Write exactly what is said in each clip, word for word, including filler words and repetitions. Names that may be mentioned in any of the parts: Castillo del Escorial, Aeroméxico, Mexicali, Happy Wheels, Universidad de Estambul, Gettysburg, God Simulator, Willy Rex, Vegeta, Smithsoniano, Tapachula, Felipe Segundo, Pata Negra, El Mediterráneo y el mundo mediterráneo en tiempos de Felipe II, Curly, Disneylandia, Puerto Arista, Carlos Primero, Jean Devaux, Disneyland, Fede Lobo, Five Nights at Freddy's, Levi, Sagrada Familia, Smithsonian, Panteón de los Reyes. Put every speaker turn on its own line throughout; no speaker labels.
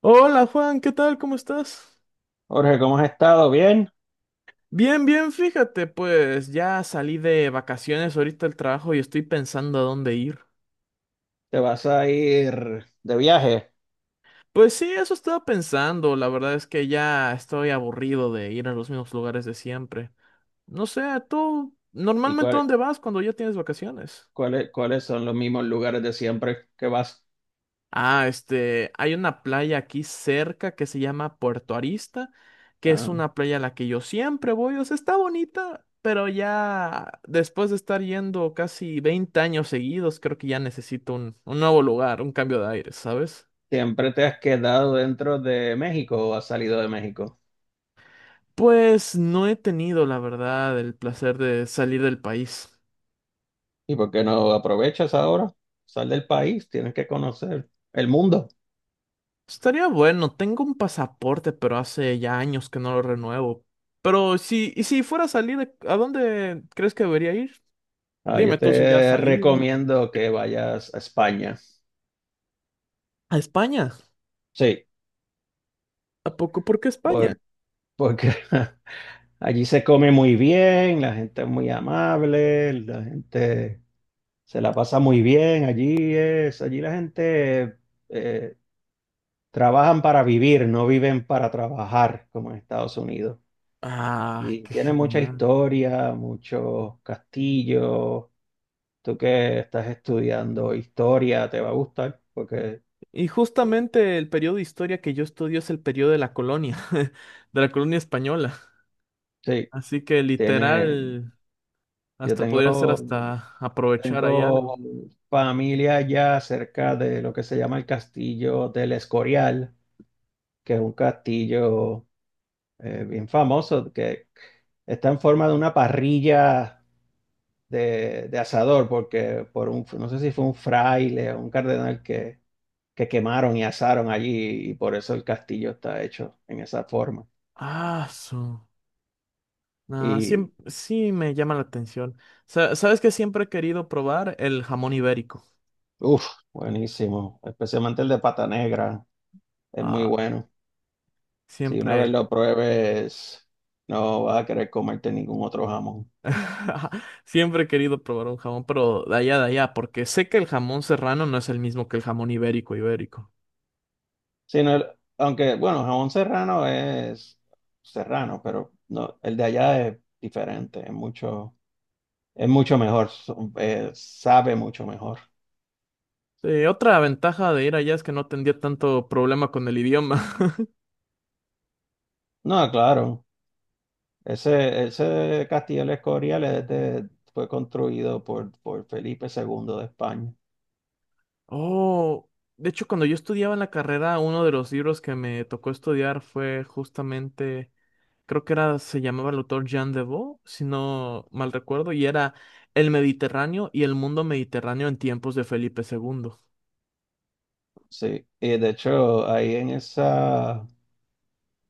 Hola Juan, ¿qué tal? ¿Cómo estás?
Jorge, ¿cómo has estado? ¿Bien?
Bien, bien, fíjate, pues ya salí de vacaciones ahorita del trabajo y estoy pensando a dónde ir.
¿Te vas a ir de viaje?
Pues sí, eso estaba pensando, la verdad es que ya estoy aburrido de ir a los mismos lugares de siempre. No sé, tú
¿Y
normalmente
cuál-
¿dónde vas cuando ya tienes vacaciones?
cuáles cuáles son los mismos lugares de siempre que vas?
Ah, este, hay una playa aquí cerca que se llama Puerto Arista, que es
Ah,
una playa a la que yo siempre voy, o sea, está bonita, pero ya después de estar yendo casi veinte años seguidos, creo que ya necesito un, un nuevo lugar, un cambio de aire, ¿sabes?
¿siempre te has quedado dentro de México o has salido de México?
Pues no he tenido, la verdad, el placer de salir del país.
¿Y por qué no aprovechas ahora? Sal del país, tienes que conocer el mundo.
Estaría bueno, tengo un pasaporte, pero hace ya años que no lo renuevo. Pero si, y si fuera a salir, ¿a dónde crees que debería ir?
Ah, yo
Dime tú si ya has
te
salido
recomiendo que vayas a España.
a España.
Sí,
¿A poco? ¿Por qué España?
por- porque allí se come muy bien, la gente es muy amable, la gente se la pasa muy bien. Allí es, allí la gente eh, trabajan para vivir, no viven para trabajar como en Estados Unidos.
Ah,
Y
qué
tiene mucha
genial.
historia, muchos castillos. Tú que estás estudiando historia, te va a gustar porque
Y justamente el periodo de historia que yo estudio es el periodo de la colonia, de la colonia española.
sí,
Así que
tiene.
literal,
Yo
hasta podría ser
tengo,
hasta aprovechar ahí
tengo
algo.
familia ya cerca de lo que se llama el castillo del Escorial, que es un castillo eh, bien famoso, que está en forma de una parrilla de, de asador, porque por un, no sé si fue un fraile o un cardenal que, que quemaron y asaron allí, y por eso el castillo está hecho en esa forma.
Ah, su. Ah, sí,
Y
sí me llama la atención. Sa- ¿Sabes que siempre he querido probar el jamón ibérico?
uff, buenísimo, especialmente el de Pata Negra. Es muy
Ah,
bueno. Si una vez
siempre.
lo pruebes, no vas a querer comerte ningún otro jamón.
Siempre he querido probar un jamón, pero de allá, de allá, porque sé que el jamón serrano no es el mismo que el jamón ibérico, ibérico.
Si no, el- Aunque, bueno, jamón serrano es serrano, pero no, el de allá es diferente, es mucho, es mucho mejor, so- eh, sabe mucho mejor.
Eh, otra ventaja de ir allá es que no tendría tanto problema con el idioma.
No, claro, ese, ese castillo del Escorial es de- fue construido por, por Felipe segundo de España.
Oh, de hecho, cuando yo estudiaba en la carrera, uno de los libros que me tocó estudiar fue justamente, creo que era, se llamaba el autor Jean Devaux, si no mal recuerdo, y era El Mediterráneo y el mundo mediterráneo en tiempos de Felipe segundo.
Sí, y de hecho, ahí en esa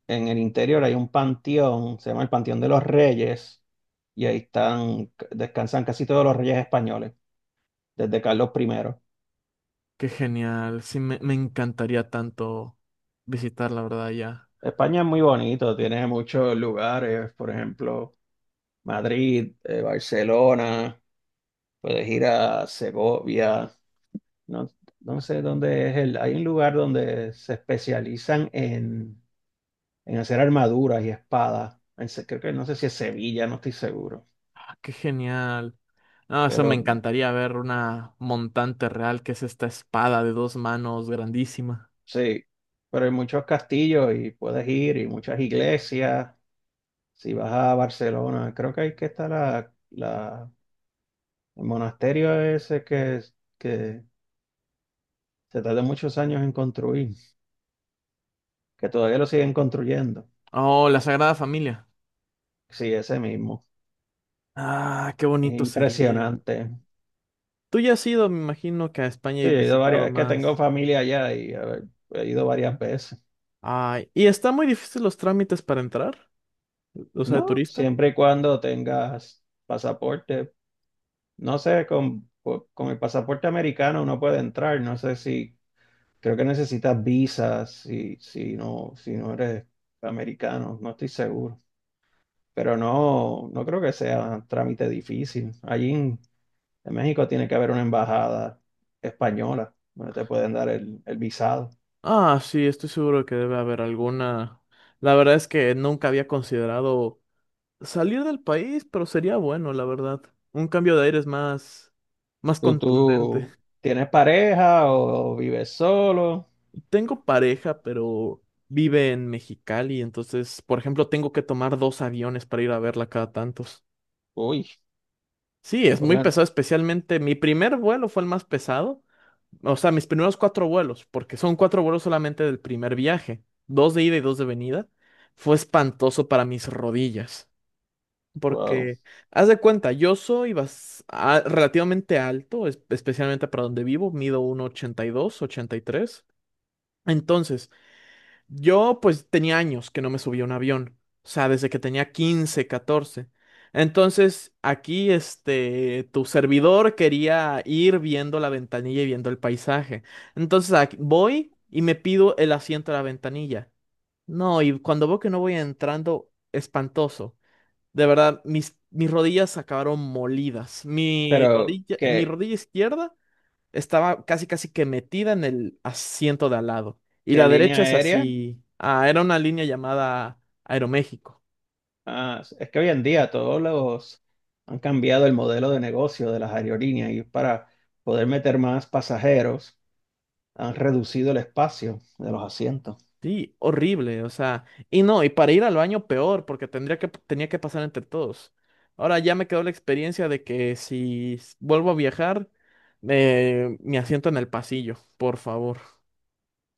en el interior hay un panteón, se llama el Panteón de los Reyes, y ahí están, descansan casi todos los reyes españoles, desde Carlos primero.
Qué genial. Sí, me, me encantaría tanto visitar, la verdad, ya.
España es muy bonito, tiene muchos lugares, por ejemplo, Madrid, eh, Barcelona, puedes ir a Segovia, no, no sé dónde es el, hay un lugar donde se especializan en, en hacer armaduras y espadas, en se- creo que no sé si es Sevilla, no estoy seguro,
Ah, qué genial. No, o sea, me
pero
encantaría ver una montante real, que es esta espada de dos manos grandísima.
sí, pero hay muchos castillos y puedes ir y muchas iglesias. Si vas a Barcelona, creo que ahí que está la, la, el monasterio ese que, que se tardó muchos años en construir, que todavía lo siguen construyendo.
Oh, la Sagrada Familia.
Sí, ese mismo.
Ah, qué
Es
bonito sería.
impresionante.
Tú ya has ido, me imagino, que a España
Sí,
y
he ido
visitado
varias, es que tengo
más.
familia allá y a ver, he ido varias veces.
Ay, ¿y está muy difícil los trámites para entrar? O sea, de
No,
turista.
siempre y cuando tengas pasaporte. No sé, con, con el pasaporte americano uno puede entrar. No sé si creo que necesitas visas si, si no, si no eres americano, no estoy seguro. Pero no, no creo que sea trámite difícil. Allí en, en México tiene que haber una embajada española donde te pueden dar el, el visado.
Ah, sí, estoy seguro que debe haber alguna. La verdad es que nunca había considerado salir del país, pero sería bueno, la verdad. Un cambio de aires más, más
¿Tú,
contundente.
¿tú tienes pareja o, vives solo?
Tengo pareja, pero vive en Mexicali, entonces, por ejemplo, tengo que tomar dos aviones para ir a verla cada tantos.
Uy,
Sí, es muy
pongan,
pesado, especialmente mi primer vuelo fue el más pesado. O sea, mis primeros cuatro vuelos, porque son cuatro vuelos solamente del primer viaje, dos de ida y dos de venida. Fue espantoso para mis rodillas.
wow.
Porque, haz de cuenta, yo soy bas- a- relativamente alto, es- especialmente para donde vivo, mido ochenta ochenta y dos ochenta y tres. Entonces, yo pues tenía años que no me subía a un avión, o sea, desde que tenía quince catorce. Entonces, aquí, este, tu servidor quería ir viendo la ventanilla y viendo el paisaje. Entonces, aquí- voy y me pido el asiento a la ventanilla. No, y cuando veo que no voy entrando, espantoso. De verdad, mis, mis rodillas acabaron molidas. Mi
Pero,
rodilla, mi
¿qué,
rodilla izquierda estaba casi casi que metida en el asiento de al lado. Y
¿qué
la
línea
derecha es
aérea?
así. Ah, era una línea llamada Aeroméxico.
Ah, es que hoy en día todos los han cambiado el modelo de negocio de las aerolíneas y para poder meter más pasajeros han reducido el espacio de los asientos.
Sí, horrible, o sea. Y no, y para ir al baño peor, porque tendría que, tenía que pasar entre todos. Ahora ya me quedó la experiencia de que si s- vuelvo a viajar, eh, mi asiento en el pasillo, por favor.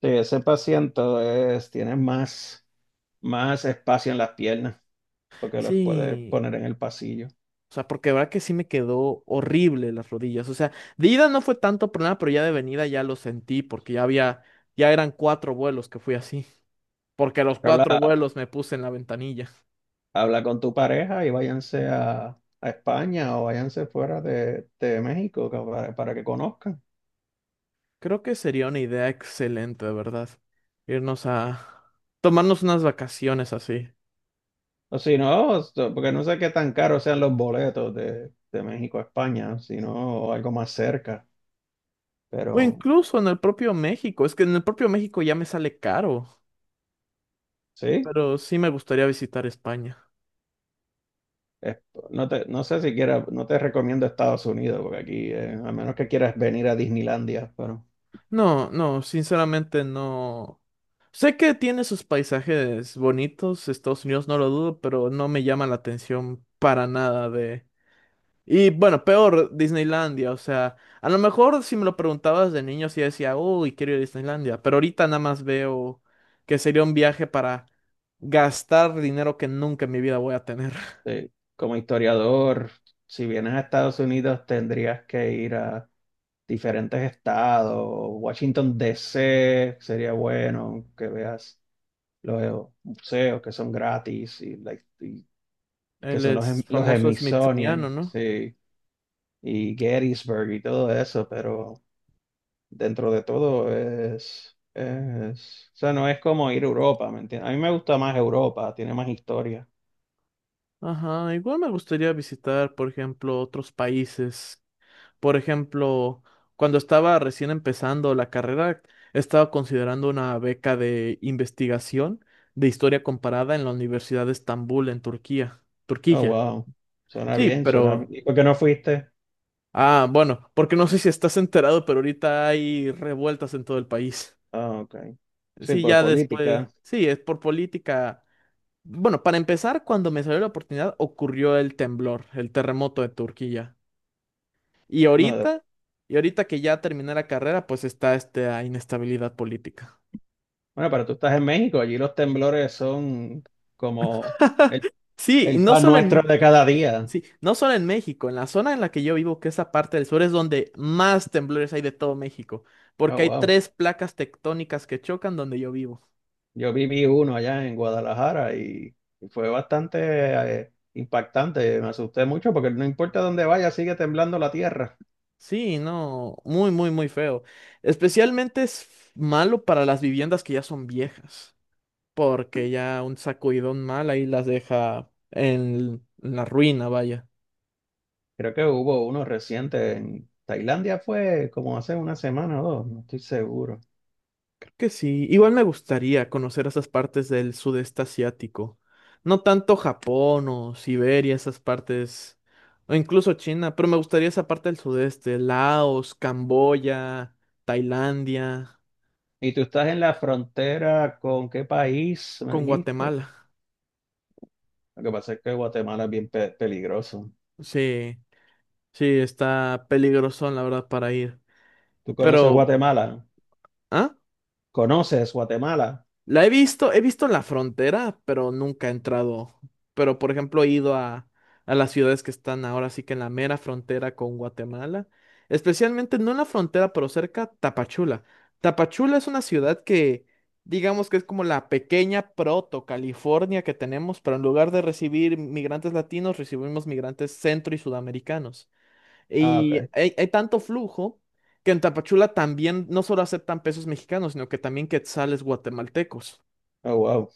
Sí, ese paciente es, tiene más, más espacio en las piernas porque los puedes
Sí,
poner en el pasillo.
o sea, porque de verdad que sí me quedó horrible las rodillas. O sea, de ida no fue tanto problema, pero ya de venida ya lo sentí porque ya había, ya eran cuatro vuelos que fui así. Porque los
Habla,
cuatro vuelos me puse en la ventanilla.
Habla con tu pareja y váyanse a, a España o váyanse fuera de, de México ca- para, para que conozcan.
Creo que sería una idea excelente, de verdad. Irnos a tomarnos unas vacaciones así.
O si no, esto- porque no sé qué tan caros sean los boletos de, de México a España, sino algo más cerca.
O
Pero
incluso en el propio México. Es que en el propio México ya me sale caro.
sí,
Pero sí me gustaría visitar España.
es- no te, no sé si quieras, no te recomiendo Estados Unidos, porque aquí, eh, a menos que quieras venir a Disneylandia, pero
No, no, sinceramente no. Sé que tiene sus paisajes bonitos, Estados Unidos no lo dudo, pero no me llama la atención para nada de... Y bueno, peor, Disneylandia, o sea, a lo mejor si me lo preguntabas de niño sí decía, uy, quiero ir a Disneylandia, pero ahorita nada más veo que sería un viaje para gastar dinero que nunca en mi vida voy a tener.
sí. Como historiador, si vienes a Estados Unidos, tendrías que ir a diferentes estados. Washington, D. C. sería bueno que veas los museos que son gratis y, la- y que
Él
son los,
es
em- los
famoso
Smithsonian,
smithsoniano, ¿no?
sí, y Gettysburg y todo eso, pero dentro de todo es, es, o sea, no es como ir a Europa, ¿me entiendes? A mí me gusta más Europa, tiene más historia.
Ajá, igual me gustaría visitar, por ejemplo, otros países. Por ejemplo, cuando estaba recién empezando la carrera, estaba considerando una beca de investigación de historia comparada en la Universidad de Estambul, en Turquía.
Oh,
Turquía.
wow, suena
Sí,
bien, suena bien.
pero...
¿Y por qué no fuiste?
Ah, bueno, porque no sé si estás enterado, pero ahorita hay revueltas en todo el país.
Ah, ok. Sí,
Sí,
por
ya después.
política.
Sí, es por política. Bueno, para empezar, cuando me salió la oportunidad, ocurrió el temblor, el terremoto de Turquía. Y
No, de-
ahorita, y ahorita que ya terminé la carrera, pues está esta inestabilidad política.
bueno, pero tú estás en México, allí los temblores son como el,
Sí, y
el
no
pan
solo
nuestro
en,
de cada día.
sí, no solo en México, en la zona en la que yo vivo, que es esa parte del sur es donde más temblores hay de todo México,
Oh,
porque hay
wow.
tres placas tectónicas que chocan donde yo vivo.
Yo viví uno allá en Guadalajara y, y fue bastante eh, impactante. Me asusté mucho porque no importa dónde vaya, sigue temblando la tierra.
Sí, no, muy, muy, muy feo. Especialmente es malo para las viviendas que ya son viejas, porque ya un sacudidón mal ahí las deja en en la ruina, vaya.
Creo que hubo uno reciente en Tailandia, fue como hace una semana o dos, no estoy seguro.
Que sí, igual me gustaría conocer esas partes del sudeste asiático. No tanto Japón o Siberia, esas partes, o incluso China, pero me gustaría esa parte del sudeste, Laos, Camboya, Tailandia,
¿Y tú estás en la frontera con qué país, me
con
dijiste?
Guatemala.
Lo que pasa es que Guatemala es bien pe- peligroso.
Sí, sí, está peligroso, la verdad, para ir.
¿Tú conoces
Pero,
Guatemala?
¿ah?
¿Conoces Guatemala?
La he visto, he visto la frontera, pero nunca he entrado. Pero, por ejemplo, he ido a, a las ciudades que están ahora sí que en la mera frontera con Guatemala. Especialmente, no en la frontera, pero cerca, Tapachula. Tapachula es una ciudad que, digamos que es como la pequeña proto California que tenemos, pero en lugar de recibir migrantes latinos, recibimos migrantes centro y sudamericanos.
Ah,
Y
ok.
hay, hay tanto flujo que en Tapachula también no solo aceptan pesos mexicanos, sino que también quetzales guatemaltecos.
Oh, wow.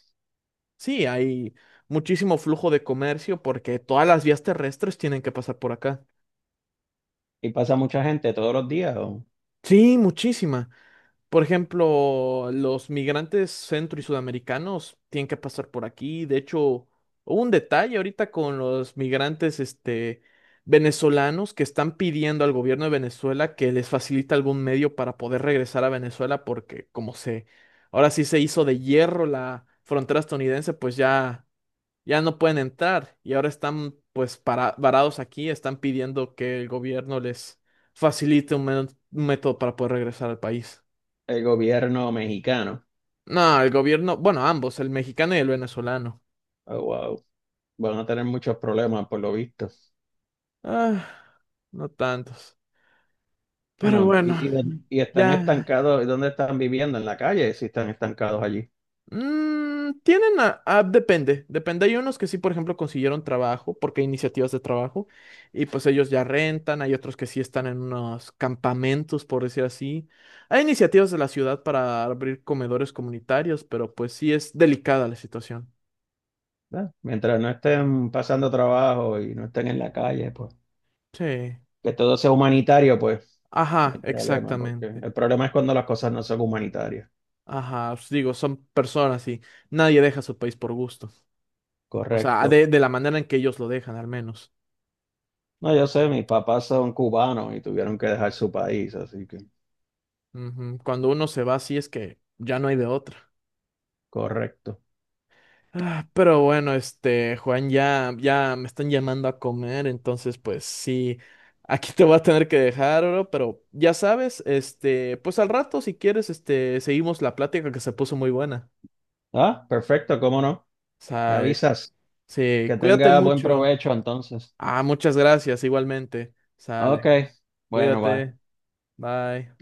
Sí, hay muchísimo flujo de comercio porque todas las vías terrestres tienen que pasar por acá.
¿Y pasa mucha gente todos los días? ¿O?
Sí, muchísima. Por ejemplo, los migrantes centro y sudamericanos tienen que pasar por aquí. De hecho, hubo un detalle ahorita con los migrantes, este, venezolanos que están pidiendo al gobierno de Venezuela que les facilite algún medio para poder regresar a Venezuela porque como se, ahora sí se hizo de hierro la frontera estadounidense, pues ya ya no pueden entrar y ahora están pues para, varados aquí, están pidiendo que el gobierno les facilite un, men- un método para poder regresar al país.
El gobierno mexicano.
No, el gobierno, bueno, ambos, el mexicano y el venezolano.
Oh, wow. Van a tener muchos problemas por lo visto.
Ah, no tantos. Pero
Bueno,
bueno,
y, y, y están
ya.
estancados, ¿y dónde están viviendo? En la calle, si están estancados allí,
Mm, tienen a, a- depende, depende. Hay unos que sí, por ejemplo, consiguieron trabajo, porque hay iniciativas de trabajo, y pues ellos ya rentan, hay otros que sí están en unos campamentos, por decir así. Hay iniciativas de la ciudad para abrir comedores comunitarios, pero pues sí es delicada la situación.
¿verdad? Mientras no estén pasando trabajo y no estén en la calle, pues
Sí.
que todo sea humanitario, pues no
Ajá,
hay problema, porque
exactamente.
el problema es cuando las cosas no son humanitarias,
Ajá, os digo, son personas y nadie deja su país por gusto. O sea,
correcto.
de, de la manera en que ellos lo dejan, al menos.
No, yo sé, mis papás son cubanos y tuvieron que dejar su país, así que
Ujú, cuando uno se va, sí es que ya no hay de otra.
correcto.
Ah, pero bueno, este, Juan, ya, ya me están llamando a comer, entonces pues sí, aquí te voy a tener que dejar, bro, pero ya sabes, este, pues al rato si quieres, este, seguimos la plática que se puso muy buena.
Ah, perfecto, ¿cómo no?
O
Me
sea, eh,
avisas.
sí,
Que
cuídate
tenga buen
mucho.
provecho entonces.
Ah, muchas gracias, igualmente.
Ok,
Sale,
bueno, bye.
cuídate, bye.